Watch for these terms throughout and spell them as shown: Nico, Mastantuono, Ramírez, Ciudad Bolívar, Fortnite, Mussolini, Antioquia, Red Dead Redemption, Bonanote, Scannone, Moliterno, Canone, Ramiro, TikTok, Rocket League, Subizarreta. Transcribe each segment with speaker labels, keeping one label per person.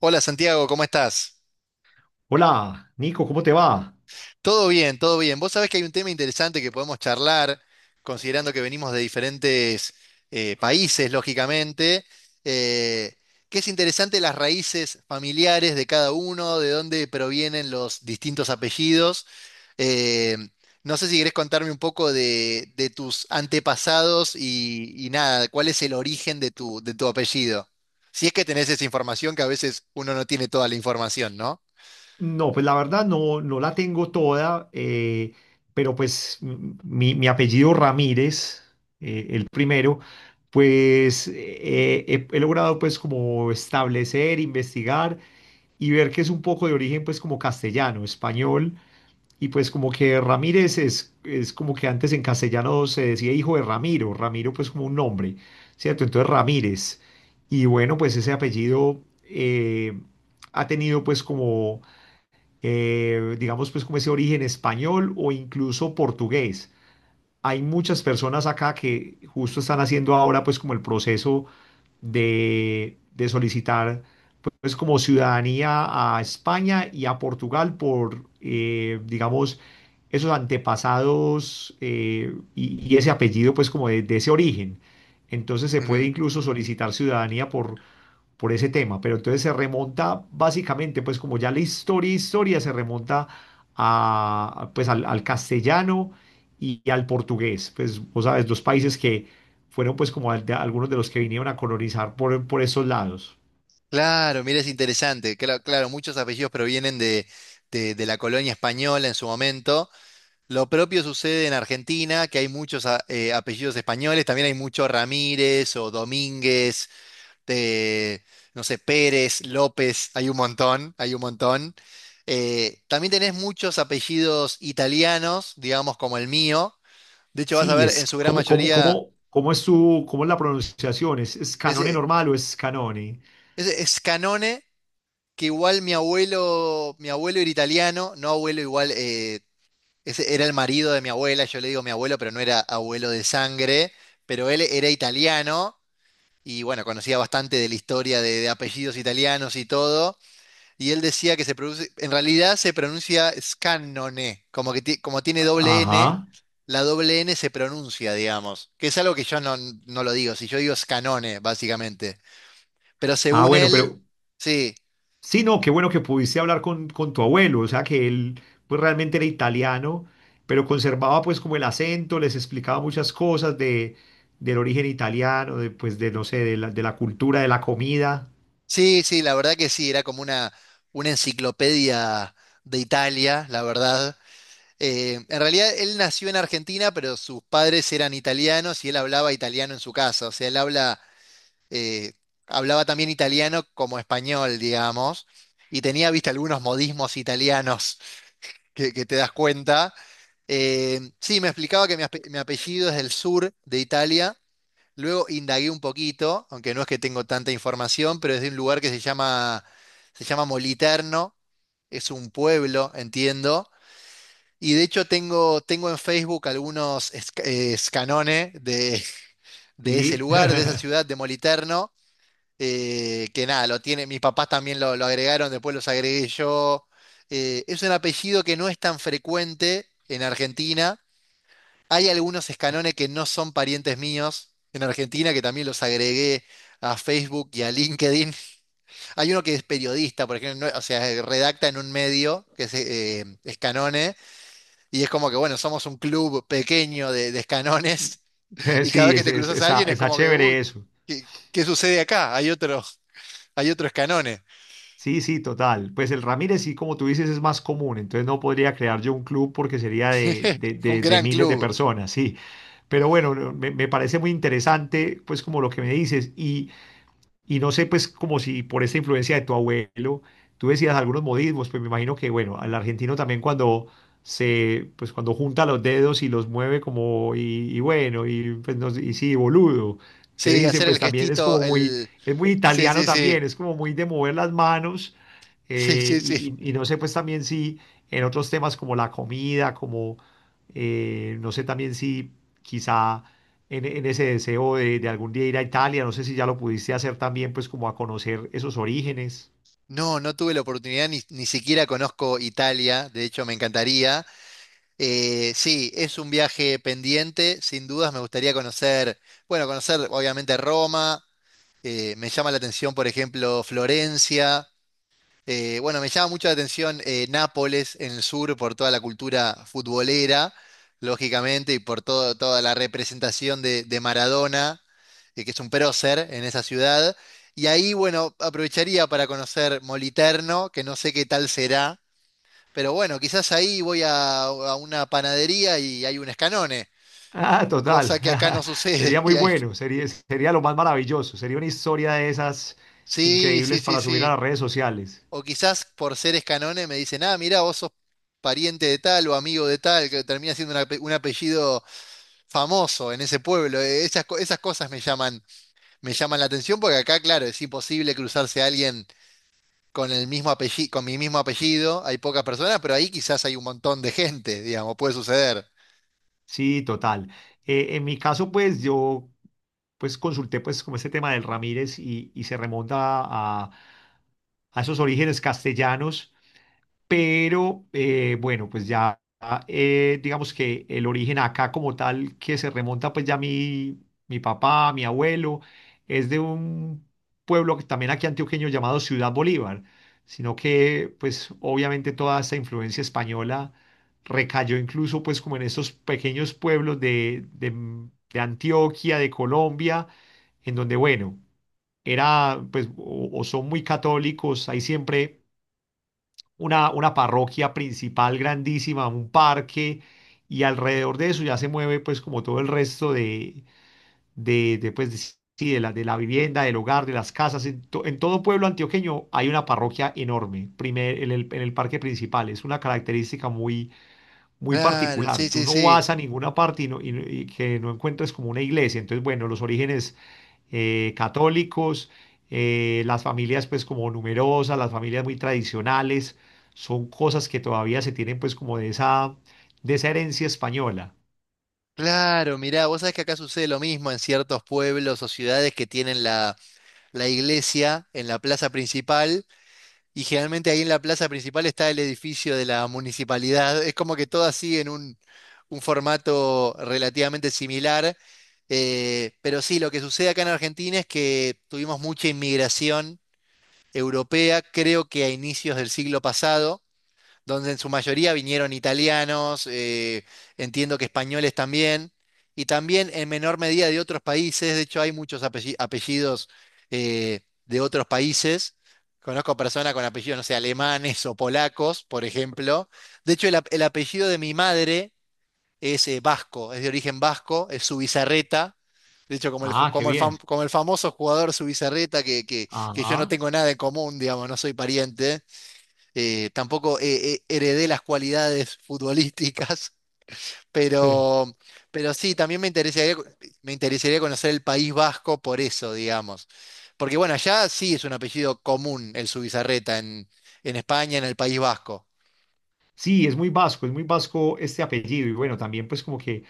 Speaker 1: Hola, Santiago, ¿cómo estás?
Speaker 2: Hola, Nico, ¿cómo te va?
Speaker 1: Todo bien, todo bien. Vos sabés que hay un tema interesante que podemos charlar, considerando que venimos de diferentes países, lógicamente, eh, que es interesante las raíces familiares de cada uno, de dónde provienen los distintos apellidos. Eh, no sé si querés contarme un poco de tus antepasados y nada, cuál es el origen de tu apellido. Si es que tenés esa información, que a veces uno no tiene toda la información, ¿no?
Speaker 2: No, pues la verdad no, no la tengo toda, pero pues mi apellido Ramírez, el primero, pues he logrado pues como establecer, investigar y ver que es un poco de origen pues como castellano, español. Y pues como que Ramírez es como que antes en castellano se decía hijo de Ramiro, Ramiro pues como un nombre, ¿cierto? Entonces Ramírez. Y bueno, pues ese apellido ha tenido pues como, digamos pues como ese origen español o incluso portugués. Hay muchas personas acá que justo están haciendo ahora pues como el proceso de solicitar pues como ciudadanía a España y a Portugal por, digamos, esos antepasados y ese apellido pues como de ese origen. Entonces se puede
Speaker 1: Ujú.
Speaker 2: incluso solicitar ciudadanía por ese tema, pero entonces se remonta básicamente pues como ya la historia, historia se remonta a, pues al, al castellano y al portugués, pues vos sabes, dos países que fueron pues como algunos de los que vinieron a colonizar por esos lados.
Speaker 1: Claro, mira, es interesante. Claro, claro, muchos apellidos provienen de la colonia española en su momento. Lo propio sucede en Argentina, que hay muchos apellidos españoles. También hay muchos Ramírez o Domínguez, eh, no sé, Pérez, López. Hay un montón, hay un montón. También tenés muchos apellidos italianos, digamos, como el mío. De hecho, vas a
Speaker 2: Sí,
Speaker 1: ver,
Speaker 2: es
Speaker 1: en su gran
Speaker 2: como, como,
Speaker 1: mayoría,
Speaker 2: como, ¿cómo es tu, cómo es la pronunciación? ¿Es, es Canone
Speaker 1: ese,
Speaker 2: normal o es Canone?
Speaker 1: ese es Canone. Que igual mi abuelo era italiano, no abuelo igual, ese era el marido de mi abuela, yo le digo mi abuelo, pero no era abuelo de sangre, pero él era italiano y bueno, conocía bastante de la historia de apellidos italianos y todo, y él decía que se produce, en realidad se pronuncia Scannone, como tiene doble N,
Speaker 2: Ajá.
Speaker 1: la doble N se pronuncia, digamos, que es algo que yo no, no lo digo, si yo digo Scannone, básicamente, pero
Speaker 2: Ah,
Speaker 1: según
Speaker 2: bueno,
Speaker 1: él,
Speaker 2: pero
Speaker 1: sí.
Speaker 2: sí, no, qué bueno que pudiste hablar con tu abuelo, o sea que él pues realmente era italiano, pero conservaba pues como el acento, les explicaba muchas cosas de, del origen italiano, de, pues de, no sé, de la cultura, de la comida,
Speaker 1: Sí, sí, la verdad que sí, era como una enciclopedia de Italia, la verdad. En realidad él nació en Argentina, pero sus padres eran italianos y él hablaba italiano en su casa. O sea, eh, hablaba también italiano como español, digamos, y tenía, viste, algunos modismos italianos que te das cuenta. Sí, me explicaba que mi apellido es del sur de Italia. Luego indagué un poquito, aunque no es que tengo tanta información, pero es de un lugar se llama Moliterno, es un pueblo, entiendo. Y de hecho tengo, tengo en Facebook escanones de ese
Speaker 2: ¿sí?
Speaker 1: lugar, de esa ciudad de Moliterno, que nada, lo tiene, mis papás también lo agregaron, después los agregué yo. Es un apellido que no es tan frecuente en Argentina. Hay algunos escanones que no son parientes míos en Argentina, que también los agregué a Facebook y a LinkedIn. Hay uno que es periodista, por ejemplo, o sea, redacta en un medio que es Escanone, y es como que, bueno, somos un club pequeño de Escanones, y cada vez
Speaker 2: Sí,
Speaker 1: que te
Speaker 2: es,
Speaker 1: cruzas a
Speaker 2: está,
Speaker 1: alguien es
Speaker 2: está
Speaker 1: como que, uy,
Speaker 2: chévere eso.
Speaker 1: ¿qué sucede acá? Hay otro Escanone,
Speaker 2: Sí, sí, total. Pues el Ramírez, sí, como tú dices, es más común, entonces no podría crear yo un club porque sería de,
Speaker 1: un
Speaker 2: de
Speaker 1: gran
Speaker 2: miles de
Speaker 1: club.
Speaker 2: personas, sí. Pero bueno, no, me parece muy interesante, pues como lo que me dices. Y no sé, pues, como si por esta influencia de tu abuelo, tú decías algunos modismos, pues me imagino que, bueno, al argentino también cuando se, pues cuando junta los dedos y los mueve como, y bueno, y, pues, no sé, y sí, boludo, que
Speaker 1: Sí,
Speaker 2: dicen,
Speaker 1: hacer el
Speaker 2: pues también es como
Speaker 1: gestito,
Speaker 2: muy,
Speaker 1: el...
Speaker 2: es muy
Speaker 1: Sí,
Speaker 2: italiano
Speaker 1: sí, sí,
Speaker 2: también, es como muy de mover las manos,
Speaker 1: sí, sí, sí.
Speaker 2: y, y no sé, pues también si en otros temas como la comida, como, no sé también si quizá en ese deseo de algún día ir a Italia. No sé si ya lo pudiste hacer también, pues como a conocer esos orígenes.
Speaker 1: No, no tuve la oportunidad, ni siquiera conozco Italia, de hecho me encantaría. Sí, es un viaje pendiente, sin dudas me gustaría conocer, bueno, conocer obviamente Roma, me llama la atención, por ejemplo, Florencia, bueno, me llama mucho la atención Nápoles en el sur por toda la cultura futbolera, lógicamente, y por toda la representación de Maradona, que es un prócer en esa ciudad. Y ahí, bueno, aprovecharía para conocer Moliterno, que no sé qué tal será, pero bueno, quizás ahí voy a una panadería y hay un escanone,
Speaker 2: Ah, total.
Speaker 1: cosa que acá no
Speaker 2: Sería
Speaker 1: sucede.
Speaker 2: muy
Speaker 1: Y hay-
Speaker 2: bueno, sería, sería lo más maravilloso. Sería una historia de esas
Speaker 1: Sí, sí,
Speaker 2: increíbles
Speaker 1: sí,
Speaker 2: para subir a
Speaker 1: sí.
Speaker 2: las redes sociales.
Speaker 1: O quizás por ser escanone me dicen, ah, mirá, vos sos pariente de tal o amigo de tal, que termina siendo un apellido famoso en ese pueblo. Esas, esas cosas me llaman la atención porque acá, claro, es imposible cruzarse a alguien con el mismo apellido, con mi mismo apellido. Hay pocas personas, pero ahí quizás hay un montón de gente, digamos, puede suceder.
Speaker 2: Sí, total. En mi caso, pues yo pues consulté pues como este tema del Ramírez y se remonta a, a esos orígenes castellanos, pero bueno, pues ya digamos que el origen acá como tal que se remonta pues ya mi papá, mi abuelo, es de un pueblo que también aquí antioqueño llamado Ciudad Bolívar, sino que pues obviamente toda esta influencia española recayó incluso pues como en estos pequeños pueblos de, de Antioquia, de Colombia, en donde bueno, era pues o son muy católicos, hay siempre una parroquia principal grandísima, un parque y alrededor de eso ya se mueve pues como todo el resto de, pues, sí, de la vivienda, del hogar, de las casas, en, en todo pueblo antioqueño hay una parroquia enorme, primer, en el parque principal, es una característica muy muy
Speaker 1: Claro, sí,
Speaker 2: particular. Tú
Speaker 1: sí,
Speaker 2: no
Speaker 1: sí.
Speaker 2: vas a ninguna parte y, y que no encuentres como una iglesia. Entonces, bueno, los orígenes católicos, las familias pues como numerosas, las familias muy tradicionales, son cosas que todavía se tienen pues como de esa herencia española.
Speaker 1: Claro, mirá, vos sabés que acá sucede lo mismo en ciertos pueblos o ciudades que tienen la iglesia en la plaza principal. Y generalmente ahí en la plaza principal está el edificio de la municipalidad. Es como que todas siguen un formato relativamente similar. Pero sí, lo que sucede acá en Argentina es que tuvimos mucha inmigración europea, creo que a inicios del siglo pasado, donde en su mayoría vinieron italianos, entiendo que españoles también, y también en menor medida de otros países. De hecho hay apellidos de otros países. Conozco personas con apellidos, no sé, alemanes o polacos, por ejemplo. De hecho, el apellido de mi madre es vasco, es de origen vasco, es Subizarreta. De hecho, como el, ju-
Speaker 2: Ah, qué
Speaker 1: como el, fam-
Speaker 2: bien.
Speaker 1: como el famoso jugador Subizarreta, que yo no
Speaker 2: Ajá.
Speaker 1: tengo nada en común, digamos, no soy pariente. Tampoco heredé las cualidades futbolísticas, pero, pero sí, también me interesaría conocer el País Vasco por eso, digamos. Porque bueno, allá sí es un apellido común el Zubizarreta en España, en el País Vasco.
Speaker 2: Sí, es muy vasco este apellido. Y bueno, también pues como que...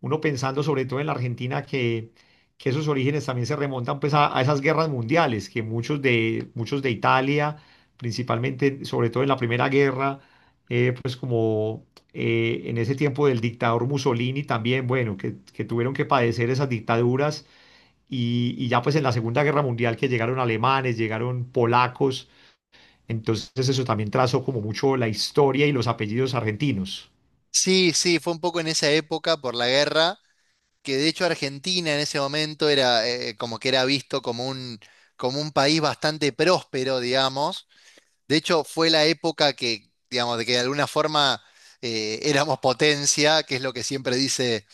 Speaker 2: Uno pensando sobre todo en la Argentina que esos orígenes también se remontan pues a esas guerras mundiales, que muchos de Italia, principalmente, sobre todo en la Primera Guerra, pues como en ese tiempo del dictador Mussolini también, bueno, que tuvieron que padecer esas dictaduras y ya pues en la Segunda Guerra Mundial que llegaron alemanes, llegaron polacos, entonces eso también trazó como mucho la historia y los apellidos argentinos.
Speaker 1: Sí, sí, fue un poco en esa época por la guerra, que de hecho Argentina en ese momento era como que era visto como como un país bastante próspero, digamos. De hecho, fue la época que, digamos, de que de alguna forma éramos potencia, que es lo que siempre dice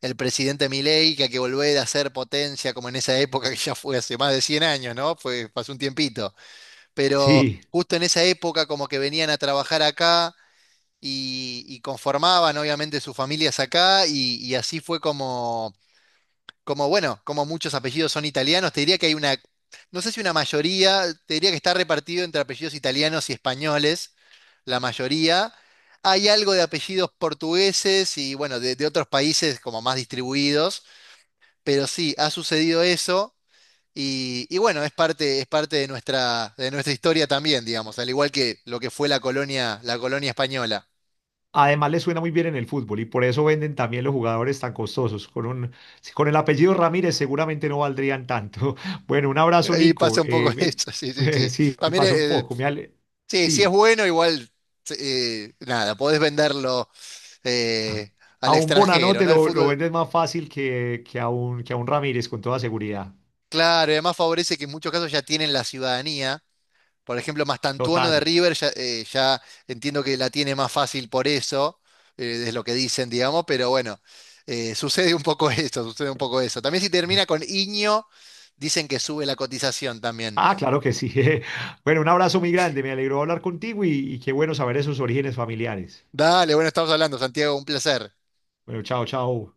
Speaker 1: el presidente Milei, que hay que volver a ser potencia, como en esa época, que ya fue hace más de 100 años, ¿no? Fue, pasó un tiempito. Pero
Speaker 2: Sí.
Speaker 1: justo en esa época, como que venían a trabajar acá y conformaban, obviamente, sus familias acá, y así fue como bueno, como muchos apellidos son italianos, te diría que hay una, no sé si una mayoría, te diría que está repartido entre apellidos italianos y españoles, la mayoría. Hay algo de apellidos portugueses y bueno, de otros países como más distribuidos, pero sí, ha sucedido eso y bueno, es parte de nuestra historia también, digamos, al igual que lo que fue la colonia española.
Speaker 2: Además, le suena muy bien en el fútbol y por eso venden también los jugadores tan costosos. Con un, si con el apellido Ramírez seguramente no valdrían tanto. Bueno, un abrazo,
Speaker 1: Ahí
Speaker 2: Nico.
Speaker 1: pasa un poco eso, sí, sí,
Speaker 2: Me-
Speaker 1: sí.
Speaker 2: sí,
Speaker 1: También
Speaker 2: pasa un poco. Me ale-
Speaker 1: sí, si es
Speaker 2: Sí,
Speaker 1: bueno, igual, nada, podés venderlo
Speaker 2: a
Speaker 1: eh, al
Speaker 2: a un
Speaker 1: extranjero,
Speaker 2: Bonanote
Speaker 1: ¿no? El
Speaker 2: lo
Speaker 1: fútbol,
Speaker 2: vendes más fácil que a un Ramírez, con toda seguridad.
Speaker 1: claro, y además favorece que en muchos casos ya tienen la ciudadanía. Por ejemplo, Mastantuono
Speaker 2: Total.
Speaker 1: de River ya, ya entiendo que la tiene más fácil por eso, es lo que dicen, digamos, pero bueno, sucede un poco eso, sucede un poco eso. También si termina con Iño, dicen que sube la cotización también.
Speaker 2: Ah, claro que sí. Bueno, un abrazo muy grande. Me alegró hablar contigo y qué bueno saber esos orígenes familiares.
Speaker 1: Dale, bueno, estamos hablando, Santiago, un placer.
Speaker 2: Bueno, chao, chao.